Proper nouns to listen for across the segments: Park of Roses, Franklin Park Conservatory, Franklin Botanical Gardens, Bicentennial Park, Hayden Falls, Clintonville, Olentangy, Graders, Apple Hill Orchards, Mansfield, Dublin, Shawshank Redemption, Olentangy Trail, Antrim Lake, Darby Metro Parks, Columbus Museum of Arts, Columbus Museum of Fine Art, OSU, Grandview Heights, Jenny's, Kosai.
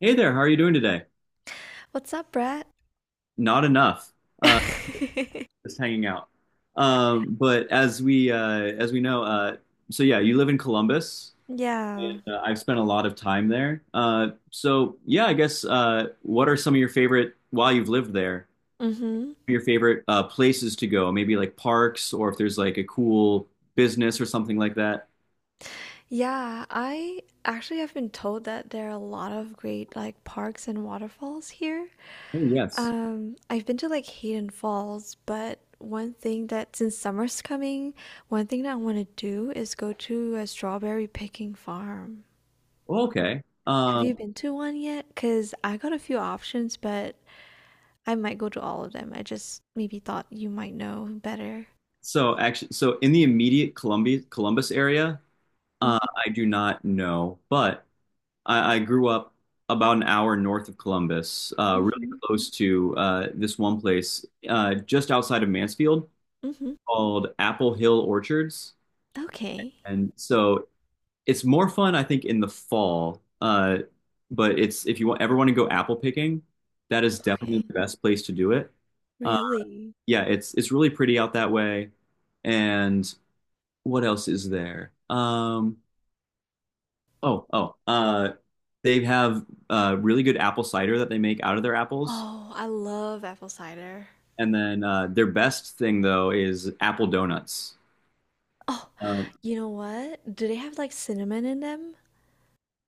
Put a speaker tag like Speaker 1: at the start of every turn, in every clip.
Speaker 1: Hey there, how are you doing today?
Speaker 2: What's up, Brett?
Speaker 1: Not enough, uh, just hanging out. But as we know, so yeah, you live in Columbus,
Speaker 2: Yeah.
Speaker 1: and I've spent a lot of time there. So yeah, I guess what are some of your favorite while you've lived there?
Speaker 2: Mm-hmm.
Speaker 1: Your favorite places to go? Maybe like parks, or if there's like a cool business or something like that.
Speaker 2: Yeah, I actually have been told that there are a lot of great like parks and waterfalls here.
Speaker 1: Oh yes.
Speaker 2: I've been to like Hayden Falls, but one thing that since summer's coming, one thing that I want to do is go to a strawberry picking farm.
Speaker 1: Oh, okay.
Speaker 2: Have
Speaker 1: Um,
Speaker 2: you been to one yet? Because I got a few options, but I might go to all of them. I just maybe thought you might know better.
Speaker 1: so actually, so in the immediate Columbia Columbus area, uh,
Speaker 2: Mm-hmm.
Speaker 1: I do not know, but. I grew up about an hour north of Columbus, really close to this one place just outside of Mansfield
Speaker 2: Mm-hmm.
Speaker 1: called Apple Hill Orchards.
Speaker 2: Okay.
Speaker 1: And so it's more fun, I think, in the fall. But it's if you ever want to go apple picking, that is
Speaker 2: Yeah.
Speaker 1: definitely
Speaker 2: Okay.
Speaker 1: the best place to do it. Uh,
Speaker 2: Really?
Speaker 1: yeah, it's really pretty out that way. And what else is there? Oh. They have really good apple cider that they make out of their apples.
Speaker 2: Oh, I love apple cider.
Speaker 1: And then their best thing, though, is apple donuts.
Speaker 2: Oh,
Speaker 1: Uh,
Speaker 2: you know what? Do they have like cinnamon in them?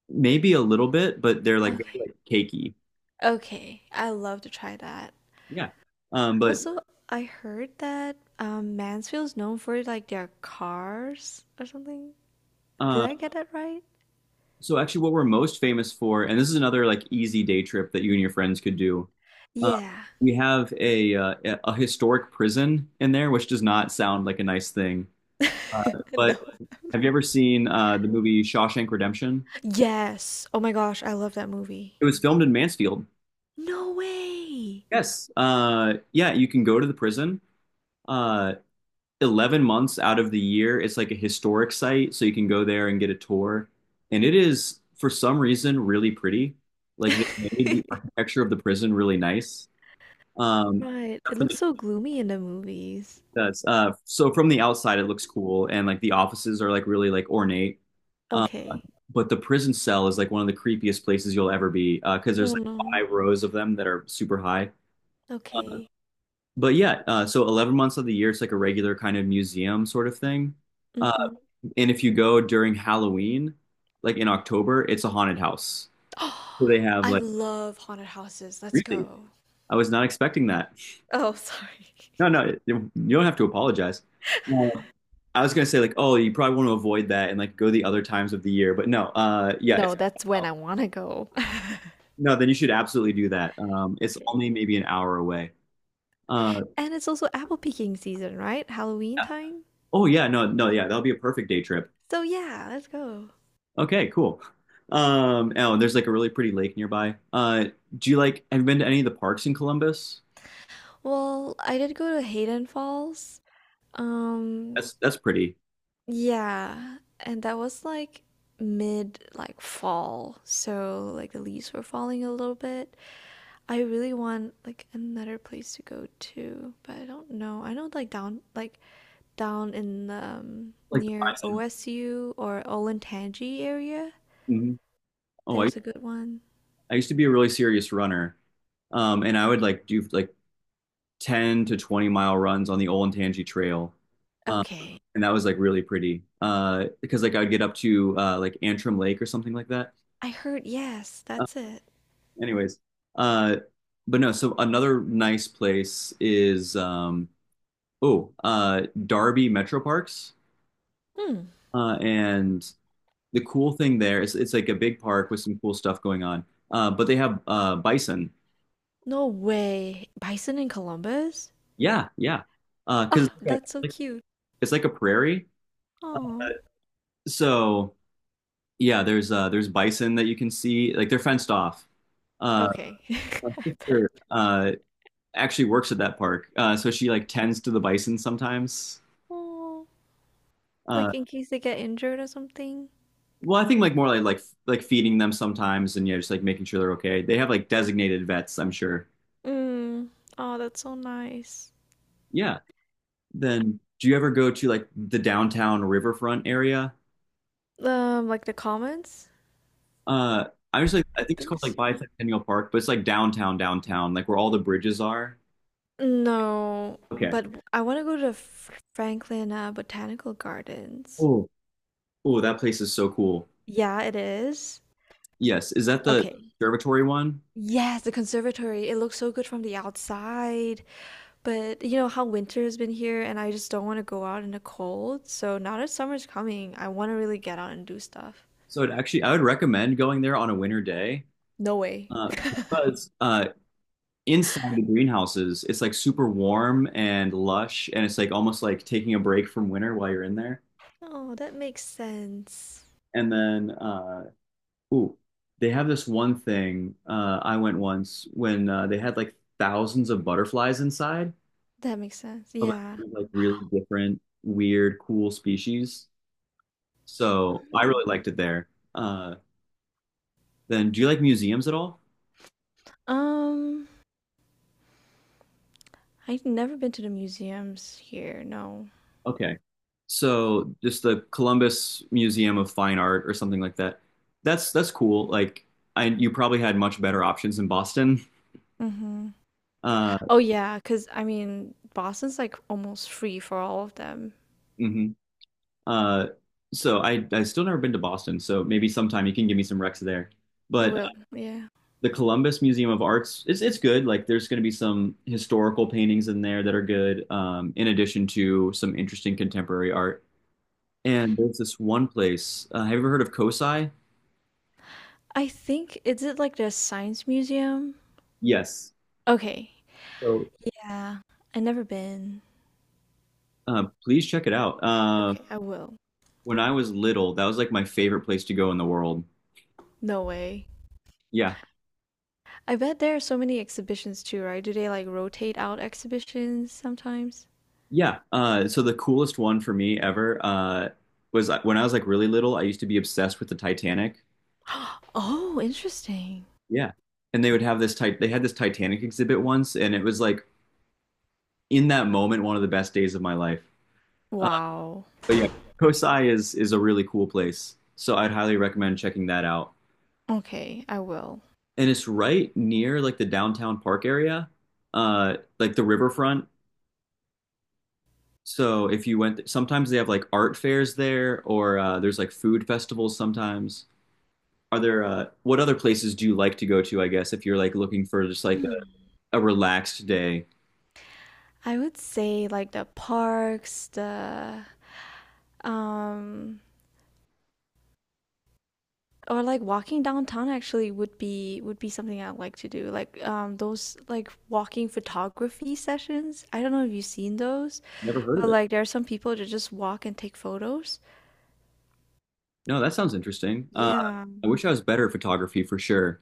Speaker 1: Maybe a little bit, but they're like very
Speaker 2: Okay.
Speaker 1: like cakey.
Speaker 2: Okay. I love to try that.
Speaker 1: Yeah. But
Speaker 2: Also, I heard that Mansfield's known for like their cars or something. Did
Speaker 1: uh,
Speaker 2: I get that right?
Speaker 1: so actually, what we're most famous for, and this is another like easy day trip that you and your friends could do. Uh,
Speaker 2: Yeah.
Speaker 1: we have a historic prison in there, which does not sound like a nice thing. Uh,
Speaker 2: No.
Speaker 1: but have you ever seen the movie Shawshank Redemption?
Speaker 2: Yes. Oh my gosh, I love that movie.
Speaker 1: It was filmed in Mansfield.
Speaker 2: No way.
Speaker 1: Yes. Yeah, you can go to the prison. Uh, 11 months out of the year, it's like a historic site, so you can go there and get a tour. And it is, for some reason, really pretty. Like they made the architecture of the prison really nice. Um,
Speaker 2: Right.
Speaker 1: except
Speaker 2: It
Speaker 1: for
Speaker 2: looks
Speaker 1: the
Speaker 2: so gloomy in the movies.
Speaker 1: that's, So from the outside, it looks cool, and like the offices are like really like ornate. Um,
Speaker 2: Okay.
Speaker 1: but the prison cell is like one of the creepiest places you'll ever be because there's
Speaker 2: Oh no.
Speaker 1: like five rows of them that are super high.
Speaker 2: Okay.
Speaker 1: But yeah, so 11 months of the year, it's like a regular kind of museum sort of thing. Uh,
Speaker 2: Mm-hmm.
Speaker 1: and if you go during Halloween, like in October, it's a haunted house. So they have
Speaker 2: I
Speaker 1: like,
Speaker 2: love haunted houses. Let's
Speaker 1: really?
Speaker 2: go.
Speaker 1: I was not expecting that.
Speaker 2: Oh, sorry.
Speaker 1: No, no, you don't have to apologize. Uh, I was gonna say like, oh, you probably want to avoid that and like go the other times of the year, but no,
Speaker 2: No, that's when I want to go.
Speaker 1: no, then you should absolutely do that. It's
Speaker 2: Okay.
Speaker 1: only maybe an hour away. Uh,
Speaker 2: And it's also apple picking season, right? Halloween
Speaker 1: yeah.
Speaker 2: time.
Speaker 1: Oh yeah, no, no, yeah, that'll be a perfect day trip.
Speaker 2: So yeah, let's go.
Speaker 1: Okay, cool. Oh, and there's like a really pretty lake nearby. Have you been to any of the parks in Columbus?
Speaker 2: Well, I did go to Hayden Falls. Um,
Speaker 1: That's pretty.
Speaker 2: yeah, and that was like mid like fall, so like the leaves were falling a little bit. I really want like another place to go to, but I don't know. I know down in the
Speaker 1: Like the five
Speaker 2: near
Speaker 1: cent.
Speaker 2: OSU or Olentangy area.
Speaker 1: Mhm. Oh, I,
Speaker 2: There's a good one.
Speaker 1: I used to be a really serious runner. And I would like do like 10 to 20 mile runs on the Olentangy Trail. Um,
Speaker 2: Okay.
Speaker 1: and that was like really pretty. Because like I would get up to like Antrim Lake or something like that.
Speaker 2: I heard yes,
Speaker 1: Uh,
Speaker 2: that's it.
Speaker 1: anyways, uh, but no, so another nice place is Oh, Darby Metro Parks.
Speaker 2: Hmm.
Speaker 1: And the cool thing there is it's like a big park with some cool stuff going on. But they have bison.
Speaker 2: No way. Bison in Columbus?
Speaker 1: Yeah, yeah. 'Cause
Speaker 2: Oh,
Speaker 1: it's
Speaker 2: that's so
Speaker 1: like
Speaker 2: cute.
Speaker 1: it's like a prairie.
Speaker 2: Oh.
Speaker 1: So yeah, there's bison that you can see. Like they're fenced off. Uh,
Speaker 2: Okay.
Speaker 1: my
Speaker 2: I bet.
Speaker 1: sister actually works at that park, so she like tends to the bison sometimes.
Speaker 2: Oh.
Speaker 1: Uh,
Speaker 2: Like in case they get injured or something.
Speaker 1: well, I think like more like feeding them sometimes, and yeah, just like making sure they're okay. They have like designated vets, I'm sure.
Speaker 2: Mm. Oh, that's so nice.
Speaker 1: Yeah. Then do you ever go to like the downtown riverfront area?
Speaker 2: Like the comments?
Speaker 1: Uh, I was like, I
Speaker 2: I
Speaker 1: think it's
Speaker 2: think
Speaker 1: called like
Speaker 2: so.
Speaker 1: Bicentennial Park, but it's like downtown, downtown, like where all the bridges are.
Speaker 2: No,
Speaker 1: Okay.
Speaker 2: but I want to go to Franklin Botanical Gardens.
Speaker 1: Oh, oh, that place is so cool.
Speaker 2: Yeah, it is.
Speaker 1: Yes. Is that the
Speaker 2: Okay.
Speaker 1: observatory one?
Speaker 2: Yes, the conservatory. It looks so good from the outside, but you know how winter has been here, and I just don't want to go out in the cold. So now that summer's coming, I want to really get out and do stuff.
Speaker 1: So it actually, I would recommend going there on a winter day,
Speaker 2: No way.
Speaker 1: because inside the greenhouses, it's like super warm and lush, and it's like almost like taking a break from winter while you're in there.
Speaker 2: Oh, that makes sense.
Speaker 1: And then uh, Ooh, they have this one thing. I went once when they had like thousands of butterflies inside
Speaker 2: That makes sense.
Speaker 1: of
Speaker 2: Yeah.
Speaker 1: like really different, weird, cool species. So I
Speaker 2: Hmm.
Speaker 1: really liked it there. Uh, do you like museums at all?
Speaker 2: Um, I've never been to the museums here. No.
Speaker 1: Okay. So just the Columbus Museum of Fine Art or something like that. That's cool. Like I, you probably had much better options in Boston.
Speaker 2: Mm-hmm.
Speaker 1: Uh,
Speaker 2: Oh yeah, cause I mean, Boston's like almost free for all of them.
Speaker 1: mhm. Uh, so I still never been to Boston, so maybe sometime you can give me some recs there. But
Speaker 2: Well, yeah.
Speaker 1: the Columbus Museum of Arts, it's good. Like there's going to be some historical paintings in there that are good, in addition to some interesting contemporary art. And there's this one place. Have you ever heard of Kosai?
Speaker 2: I think is it like the science museum?
Speaker 1: Yes.
Speaker 2: Okay.
Speaker 1: So
Speaker 2: Yeah. I never been.
Speaker 1: uh, please check it out.
Speaker 2: Okay, I will.
Speaker 1: When I was little, that was like my favorite place to go in the world.
Speaker 2: No way.
Speaker 1: Yeah.
Speaker 2: I bet there are so many exhibitions too, right? Do they like rotate out exhibitions sometimes?
Speaker 1: Yeah. So the coolest one for me ever was when I was like really little. I used to be obsessed with the Titanic.
Speaker 2: Oh, interesting.
Speaker 1: Yeah. And they would have this type. They had this Titanic exhibit once, and it was like in that moment one of the best days of my life. Uh,
Speaker 2: Wow.
Speaker 1: but yeah, Kosai is a really cool place. So I'd highly recommend checking that out.
Speaker 2: Okay, I will.
Speaker 1: And it's right near like the downtown park area, like the riverfront. So if you went, sometimes they have like art fairs there, or there's like food festivals sometimes. Are there What other places do you like to go to, I guess, if you're like looking for just like
Speaker 2: Hmm.
Speaker 1: a relaxed day?
Speaker 2: I would say like the parks, the um or like walking downtown actually would be something I like to do. Like those like walking photography sessions. I don't know if you've seen those,
Speaker 1: Never heard
Speaker 2: but
Speaker 1: of it.
Speaker 2: like there are some people that just walk and take photos.
Speaker 1: No, that sounds interesting.
Speaker 2: Yeah.
Speaker 1: I wish I was better at photography for sure.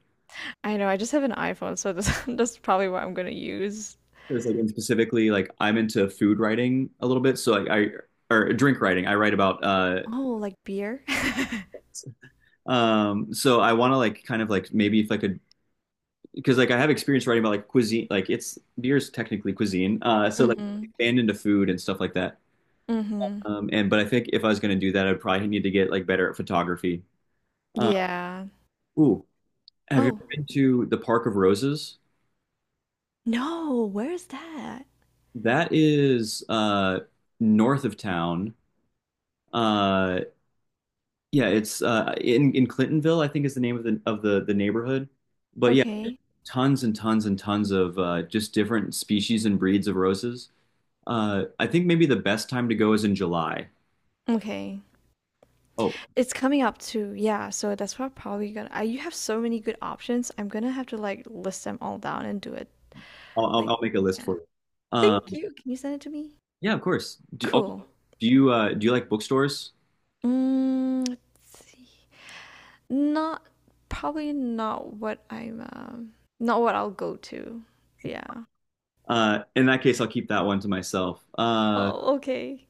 Speaker 2: I know, I just have an iPhone, so this, that's probably what I'm gonna use.
Speaker 1: Because like and specifically, like I'm into food writing a little bit, so like I or drink writing. I write about
Speaker 2: Oh, like beer.
Speaker 1: so I want to like kind of like maybe if I could because like I have experience writing about like cuisine, like it's beer is technically cuisine, so like
Speaker 2: Mm-hmm.
Speaker 1: expand into food and stuff like that.
Speaker 2: Mm-hmm.
Speaker 1: And but I think if I was going to do that, I'd probably need to get like better at photography.
Speaker 2: Yeah.
Speaker 1: Ooh, have you
Speaker 2: Oh,
Speaker 1: been to the Park of Roses?
Speaker 2: no, where's that?
Speaker 1: That is north of town. Uh, yeah, it's in Clintonville, I think is the name of the neighborhood. But yeah,
Speaker 2: Okay.
Speaker 1: tons and tons and tons of just different species and breeds of roses. I think maybe the best time to go is in July.
Speaker 2: Okay.
Speaker 1: Oh,
Speaker 2: It's coming up too, yeah, so that's what I'm probably gonna I you have so many good options, I'm gonna have to, like, list them all down and do it,
Speaker 1: I'll I'll,
Speaker 2: like
Speaker 1: I'll make a list
Speaker 2: yeah.
Speaker 1: for you.
Speaker 2: Thank
Speaker 1: Um,
Speaker 2: you, can you send it to me?
Speaker 1: yeah, of course.
Speaker 2: Cool.
Speaker 1: Do you like bookstores?
Speaker 2: Mm, let's see. Not probably not what I'm, not what I'll go to. Yeah.
Speaker 1: In that case, I'll keep that one to myself.
Speaker 2: Oh, okay.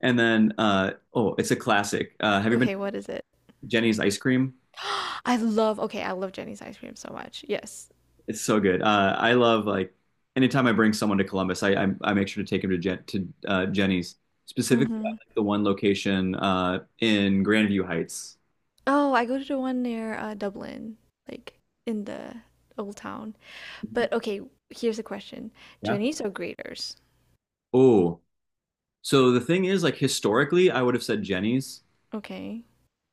Speaker 1: Oh, it's a classic. Have you been
Speaker 2: Okay, what is it?
Speaker 1: to Jenny's ice cream?
Speaker 2: I love okay, I love Jenny's ice cream so much, yes.
Speaker 1: It's so good. I love like anytime I bring someone to Columbus, I make sure to take them to Jenny's specifically. I
Speaker 2: Mhm.
Speaker 1: like the one location in Grandview Heights.
Speaker 2: Oh, I go to the one near, Dublin, like, in the old town. But okay, here's a question.
Speaker 1: Yeah.
Speaker 2: Jennies or graders?
Speaker 1: Oh, so the thing is, like historically, I would have said Jenny's,
Speaker 2: Okay.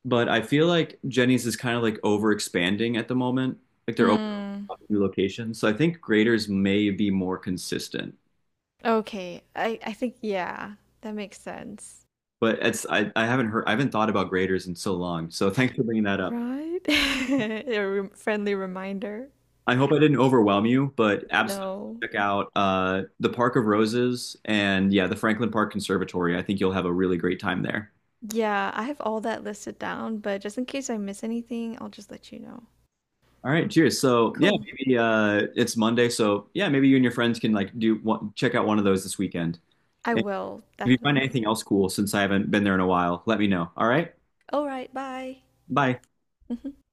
Speaker 1: but I feel like Jenny's is kind of like over expanding at the moment. Like they're opening
Speaker 2: Mm,
Speaker 1: up new locations, so I think Graders may be more consistent.
Speaker 2: okay. I think, yeah, that makes sense.
Speaker 1: But I haven't heard I haven't thought about graders in so long. So thanks for bringing that up.
Speaker 2: Right? Friendly reminder.
Speaker 1: I hope I didn't overwhelm you, but absolutely
Speaker 2: No.
Speaker 1: check out the Park of Roses and yeah, the Franklin Park Conservatory. I think you'll have a really great time there.
Speaker 2: Yeah, I have all that listed down, but just in case I miss anything, I'll just let you know.
Speaker 1: All right, cheers. So yeah,
Speaker 2: Cool.
Speaker 1: maybe it's Monday. So yeah, maybe you and your friends can like do one, check out one of those this weekend.
Speaker 2: I
Speaker 1: And
Speaker 2: will,
Speaker 1: if you find
Speaker 2: definitely.
Speaker 1: anything else cool, since I haven't been there in a while, let me know. All right,
Speaker 2: All right, bye.
Speaker 1: bye.
Speaker 2: Mhm.